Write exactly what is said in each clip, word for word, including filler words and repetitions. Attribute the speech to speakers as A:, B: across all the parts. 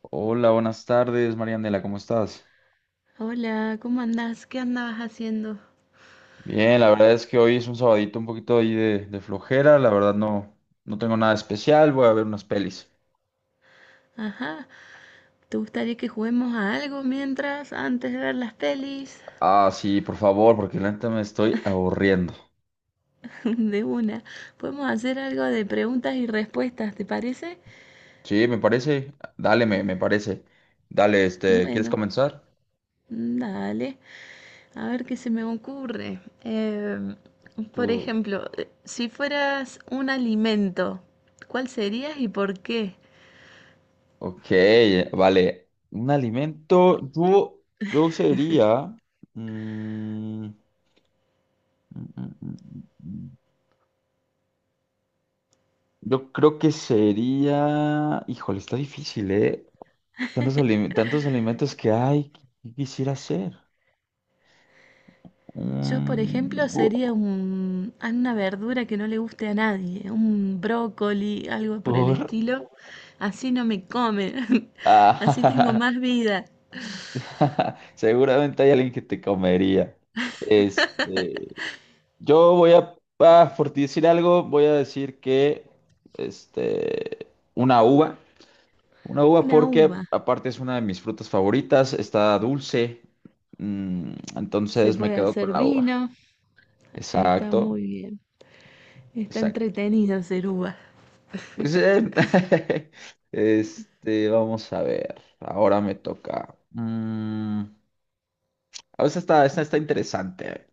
A: Hola, buenas tardes, Marianela, ¿cómo estás?
B: Hola, ¿cómo andás? ¿Qué andabas haciendo?
A: Bien, la verdad es que hoy es un sabadito un poquito ahí de, de flojera, la verdad no, no tengo nada especial, voy a ver unas pelis.
B: Ajá, ¿te gustaría que juguemos a algo mientras, antes de ver las pelis?
A: Ah, sí, por favor, porque la neta me estoy aburriendo.
B: De una. Podemos hacer algo de preguntas y respuestas, ¿te parece?
A: Sí, me parece, dale, me, me parece. Dale, este, ¿quieres
B: Bueno,
A: comenzar?
B: dale, a ver qué se me ocurre. Eh, por
A: Tú,
B: ejemplo, eh, si fueras un alimento, ¿cuál serías y por qué?
A: ok, vale. Un alimento, yo, yo sería, mm, mm, mm, mm, mm. yo creo que sería, híjole, está difícil, ¿eh? Tantos, alim- tantos alimentos que hay, ¿qué quisiera hacer?
B: Yo, por
A: Mm,
B: ejemplo, sería
A: bu-
B: un, a una verdura que no le guste a nadie, un brócoli, algo por el
A: bur-
B: estilo. Así no me comen, así tengo
A: Ah,
B: más vida.
A: Seguramente hay alguien que te comería. Este, yo voy a, ah, por decir algo, voy a decir que, este, una uva, una uva
B: Una
A: porque
B: uva.
A: aparte es una de mis frutas favoritas, está dulce, mm,
B: Se
A: entonces me
B: puede
A: quedo con
B: hacer
A: la uva.
B: vino, está
A: Exacto,
B: muy bien. Está
A: exacto.
B: entretenido hacer uva.
A: Pues, eh, este, vamos a ver. Ahora me toca. Mm, a veces está, esta está interesante.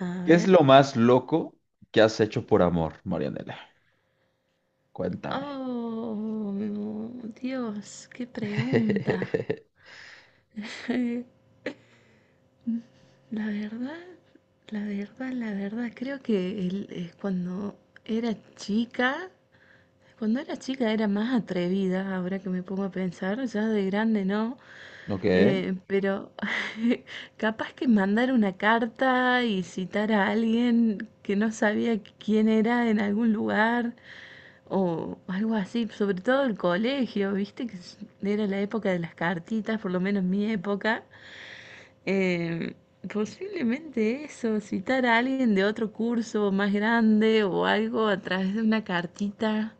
B: A
A: ¿Qué es
B: ver.
A: lo más loco que has hecho por amor, Marianela? Cuéntame.
B: Oh, Dios, qué pregunta. La verdad, la verdad, la verdad, creo que el- eh, cuando era chica. Cuando era chica era más atrevida, ahora que me pongo a pensar, ya de grande no,
A: Ok,
B: eh, pero capaz que mandar una carta y citar a alguien que no sabía quién era en algún lugar o algo así, sobre todo el colegio, viste que s- era la época de las cartitas, por lo menos mi época. eh, Posiblemente eso, citar a alguien de otro curso más grande o algo a través de una cartita.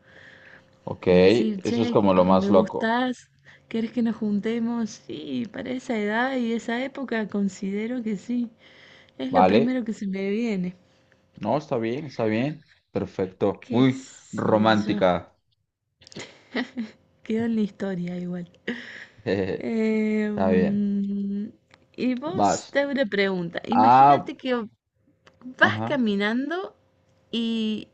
A: ok.
B: Y decir,
A: Eso es
B: che,
A: como lo
B: ah, me
A: más loco,
B: gustás, ¿querés que nos juntemos? Sí, para esa edad y esa época considero que sí. Es lo
A: ¿vale?
B: primero que se me viene.
A: No, está bien, está bien. Perfecto.
B: ¿Qué
A: Muy
B: sé yo?
A: romántica.
B: Quedó en la historia igual.
A: Está
B: Eh,
A: bien.
B: mm, y vos
A: Vas.
B: te hago una pregunta.
A: Ah,
B: Imagínate que vas
A: ajá.
B: caminando y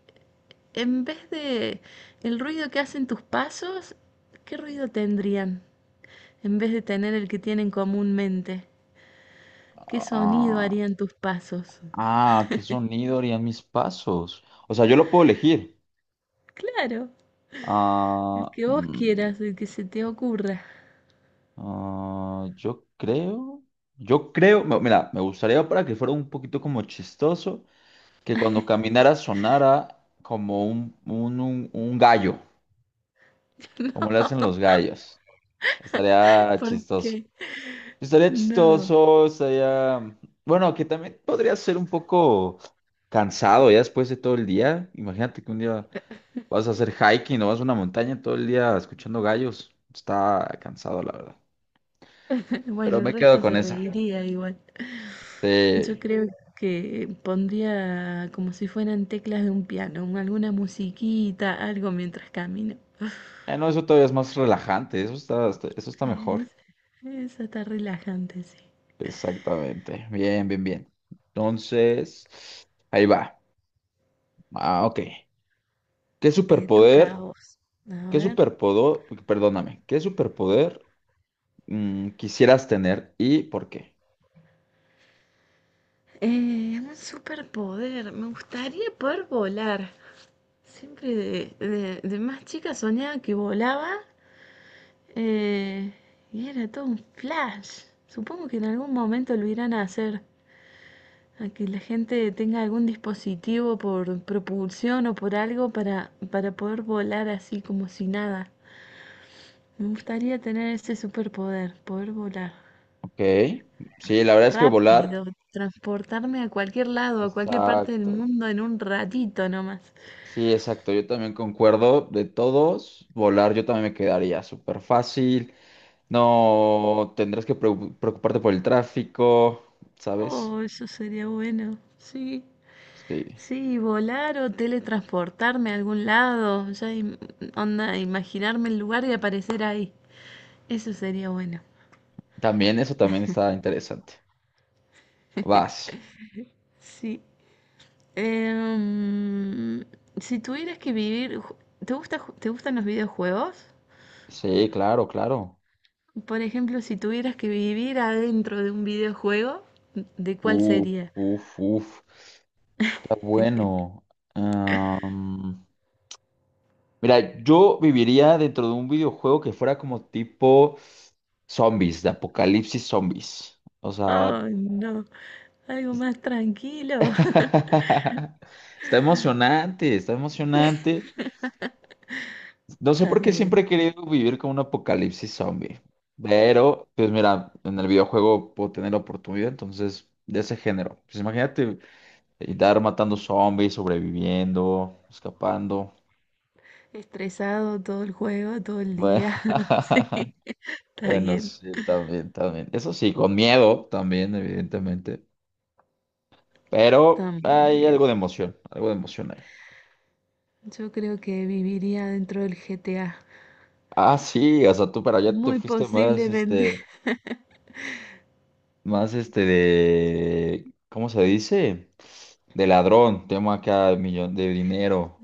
B: en vez de el ruido que hacen tus pasos, ¿qué ruido tendrían? En vez de tener el que tienen comúnmente. ¿Qué sonido harían tus pasos?
A: Ah, ¿qué sonido harían mis pasos? O sea, yo lo puedo elegir.
B: Claro,
A: Ah,
B: el que vos
A: mm,
B: quieras, el que se te ocurra.
A: ah, yo creo, yo creo, me- mira, me gustaría para que fuera un poquito como chistoso, que cuando caminara sonara como un, un, un, un gallo, como le hacen
B: No,
A: los gallos. Estaría chistoso.
B: porque
A: Estaría
B: no.
A: chistoso, estaría... Bueno, que también podría ser un poco cansado ya después de todo el día. Imagínate que un día... Vas a hacer hiking o vas a una montaña todo el día escuchando gallos. Está cansado, la verdad.
B: Bueno,
A: Pero
B: el
A: me quedo
B: resto se
A: con esa.
B: reiría igual. Yo
A: Sí.
B: creo que pondría como si fueran teclas de un piano, un- alguna musiquita, algo mientras camino.
A: Ah, no, eso todavía es más relajante. Eso está, está- eso está
B: Es,
A: mejor.
B: Eso está relajante, sí.
A: Exactamente. Bien, bien, bien. Entonces, ahí va. Ah, ok. ¿Qué
B: Te toca a
A: superpoder?
B: vos. A
A: ¿Qué
B: ver.
A: superpoder? Perdóname. ¿Qué superpoder mm, quisieras tener y por qué?
B: Eh, un superpoder. Me gustaría poder volar. Siempre de, de- de más chica soñaba que volaba, eh, y era todo un flash. Supongo que en algún momento lo irán a hacer, a que la gente tenga algún dispositivo por propulsión o por algo para, para poder volar así como si nada. Me gustaría tener ese superpoder, poder volar
A: Ok. Sí, la verdad es que volar.
B: rápido, transportarme a cualquier lado, a cualquier parte del
A: Exacto.
B: mundo en un ratito nomás.
A: Sí, exacto, yo también concuerdo de todos, volar yo también me quedaría súper fácil, no tendrás que preu- preocuparte por el tráfico, ¿sabes?
B: Oh, eso sería bueno, sí.
A: Sí,
B: Sí, volar o teletransportarme a algún lado, ya im- onda, imaginarme el lugar y aparecer ahí. Eso sería bueno.
A: también eso también está interesante. Vas.
B: Sí. Em, si tuvieras que vivir, ju- ¿te gusta, ju- te gustan los videojuegos?
A: Sí, claro, claro.
B: Por ejemplo, si tuvieras que vivir adentro de un videojuego, ¿de cuál
A: Uf,
B: sería?
A: uf, uf, está bueno. Am, mira, yo viviría dentro de un videojuego que fuera como tipo zombies, de apocalipsis zombies. O sea,
B: Oh, no, algo más tranquilo.
A: Está emocionante, está emocionante. No sé
B: Está
A: por qué siempre
B: bien.
A: he querido vivir con un apocalipsis zombie, pero pues mira, en el videojuego puedo tener la oportunidad, entonces, de ese género. Pues imagínate andar matando zombies, sobreviviendo, escapando.
B: Estresado todo el juego, todo el
A: Bueno,
B: día. Sí, está
A: bueno,
B: bien.
A: sí, también, también. Eso sí, con miedo también, evidentemente,
B: Está
A: pero
B: muy
A: hay
B: bien.
A: algo de emoción, algo de emoción ahí.
B: Yo creo que viviría dentro del G T A.
A: Ah, sí, o sea, tú para allá te
B: Muy
A: fuiste más,
B: posiblemente.
A: este... Más este de, ¿cómo se dice? De ladrón, tema acá de millón de dinero.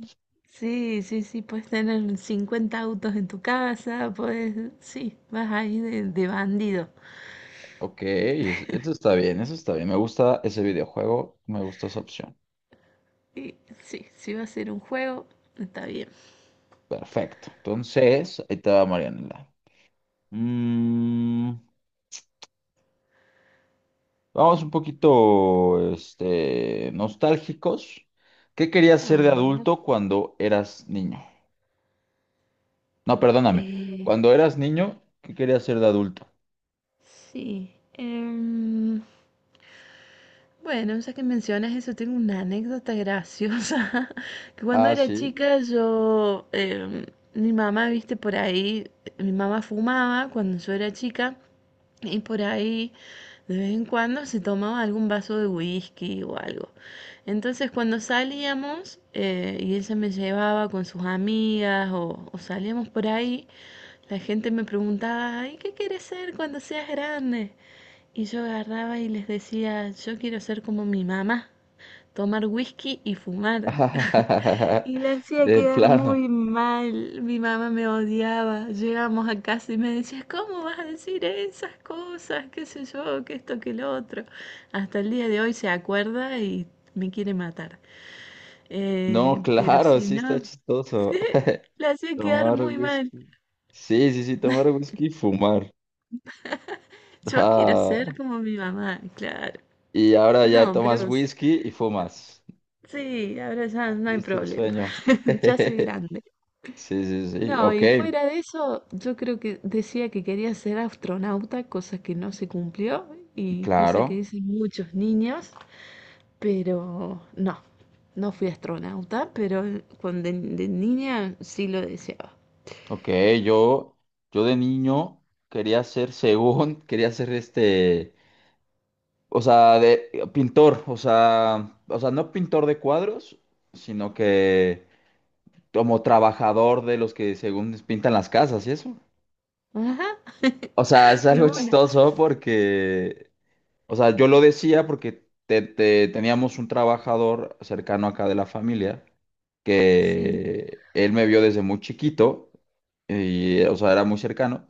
B: Sí, sí, sí, puedes tener cincuenta autos en tu casa, puedes, sí, vas ahí de, de bandido.
A: Ok, es- eso está bien, eso está bien. Me gusta ese videojuego, me gusta esa opción.
B: Y sí, si va a ser un juego, está bien.
A: Perfecto. Entonces, ahí te va Marianela. Mm, vamos un poquito, este, nostálgicos. ¿Qué querías
B: A
A: ser de
B: ver,
A: adulto cuando eras niño? No, perdóname.
B: eh,
A: Cuando eras niño, ¿qué querías ser de adulto?
B: sí. em, Bueno, ya que mencionas eso, tengo una anécdota graciosa. Que cuando
A: Ah,
B: era
A: sí.
B: chica, yo, em, mi mamá, viste, por ahí, mi mamá fumaba cuando yo era chica y por ahí de vez en cuando se tomaba algún vaso de whisky o algo. Entonces cuando salíamos, eh, y ella me llevaba con sus amigas o, o salíamos por ahí, la gente me preguntaba, ¿y qué quieres ser cuando seas grande? Y yo agarraba y les decía, yo quiero ser como mi mamá, tomar whisky y fumar. Y le hacía
A: De
B: quedar muy
A: plano.
B: mal. Mi mamá me odiaba. Llegamos a casa y me decía, ¿cómo vas a decir esas cosas? ¿Qué sé yo? ¿Qué esto? ¿Qué lo otro? Hasta el día de hoy se acuerda y me quiere matar.
A: No,
B: Eh, pero
A: claro,
B: si
A: sí está
B: no,
A: chistoso.
B: sí, la hacía quedar
A: Tomar
B: muy mal.
A: whisky. Sí, sí, sí, tomar whisky y fumar.
B: Yo quiero ser
A: Ah,
B: como mi mamá, claro.
A: y ahora ya
B: No,
A: tomas
B: pero...
A: whisky y fumas.
B: Sí, ahora ya no hay
A: Cumpliste el
B: problema.
A: sueño.
B: Ya soy grande.
A: Sí, sí, sí.
B: No,
A: Ok,
B: y fuera de eso, yo creo que decía que quería ser astronauta, cosa que no se cumplió y cosa que
A: claro.
B: dicen muchos niños, pero no, no fui astronauta, pero cuando de, de niña sí lo deseaba.
A: Ok, yo, yo de niño quería ser, según, quería ser este, o sea, de pintor, o sea, o sea, no pintor de cuadros, sino que como trabajador de los que según pintan las casas y eso.
B: Ajá,
A: O sea, es
B: de
A: algo
B: una.
A: chistoso porque o sea, yo lo decía porque te- te- teníamos un trabajador cercano acá de la familia
B: Sí,
A: que él me vio desde muy chiquito y, o sea, era muy cercano.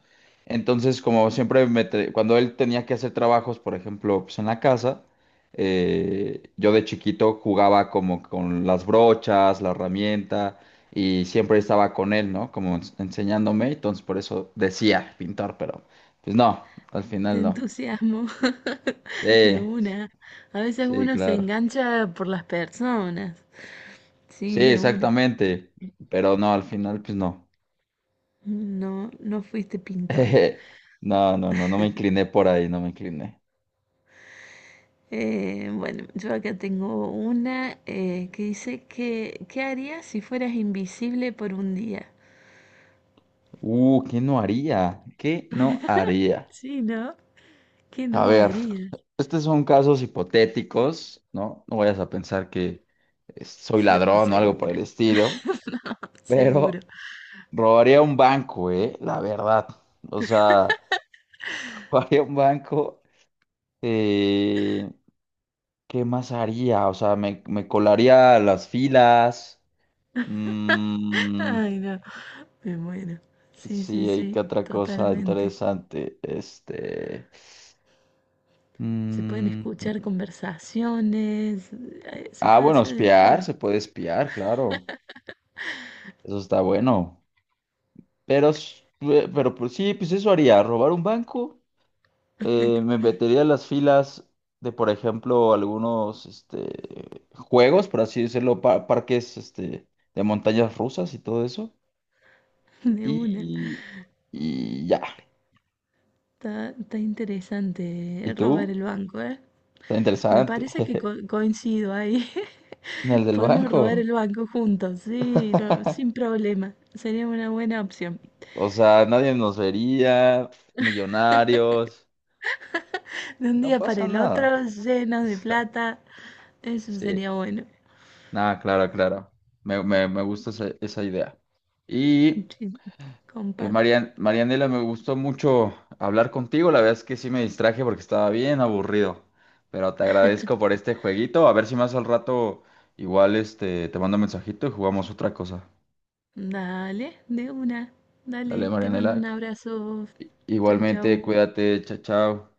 A: Entonces, como siempre, me tra- cuando él tenía que hacer trabajos, por ejemplo, pues en la casa, eh, yo de chiquito jugaba como con las brochas, la herramienta y siempre estaba con él, ¿no? Como ens- enseñándome. Entonces, por eso decía pintor, pero pues no, al
B: te
A: final no.
B: entusiasmo. De
A: Sí.
B: una. A veces
A: Sí,
B: uno se
A: claro.
B: engancha por las personas.
A: Sí,
B: Sí, de una.
A: exactamente. Pero no, al final, pues no.
B: No, no fuiste pintor.
A: No, no, no, no me incliné por ahí, no me incliné.
B: Eh, bueno, yo acá tengo una, eh, que dice que ¿qué harías si fueras invisible por un día?
A: Uh, ¿qué no haría? ¿Qué no haría?
B: Sí, ¿no? ¿Qué
A: A
B: no
A: ver,
B: harías?
A: estos son casos hipotéticos, ¿no? No vayas a pensar que eh, soy
B: Se-
A: ladrón o algo por
B: seguro,
A: el estilo, pero
B: seguro.
A: robaría un banco, ¿eh? La verdad. O sea, robaría un banco. eh, ¿qué más haría? O sea, me, me colaría a las filas. Mm,
B: Ay, no, me muero. Sí, sí,
A: sí, hay que
B: sí,
A: otra cosa
B: totalmente.
A: interesante. Este.
B: Se pueden
A: mm,
B: escuchar conversaciones, eh, se
A: ah,
B: puede
A: bueno,
B: hacer de todo,
A: espiar, se puede espiar, claro. Eso está bueno. Pero, s- eh, pero pues, sí, pues eso haría, robar un banco. eh, me metería en las filas de, por ejemplo, algunos este, juegos, por así decirlo, pa- parques este, de montañas rusas y todo eso.
B: de una.
A: Y, y ya.
B: Está, está interesante,
A: ¿Y
B: eh, robar
A: tú?
B: el banco, ¿eh?
A: Está
B: Me
A: interesante.
B: parece que co- coincido ahí.
A: En el del
B: Podemos robar
A: banco.
B: el banco juntos, sí, no, sin problema. Sería una buena opción.
A: O sea, nadie nos vería, millonarios,
B: De un
A: no
B: día para
A: pasa
B: el
A: nada.
B: otro, llenos de plata. Eso
A: Sí,
B: sería bueno.
A: nada, claro, claro. Me, me, me gusta esa, esa idea. Y
B: Sí,
A: eh,
B: comparto.
A: Marian, Marianela, me gustó mucho hablar contigo. La verdad es que sí me distraje porque estaba bien aburrido. Pero te agradezco por este jueguito. A ver si más al rato igual este, te mando un mensajito y jugamos otra cosa.
B: Dale, de una.
A: Dale,
B: Dale, te mando
A: Marianela.
B: un abrazo. Chau,
A: Igualmente,
B: chau.
A: cuídate, chao, chao.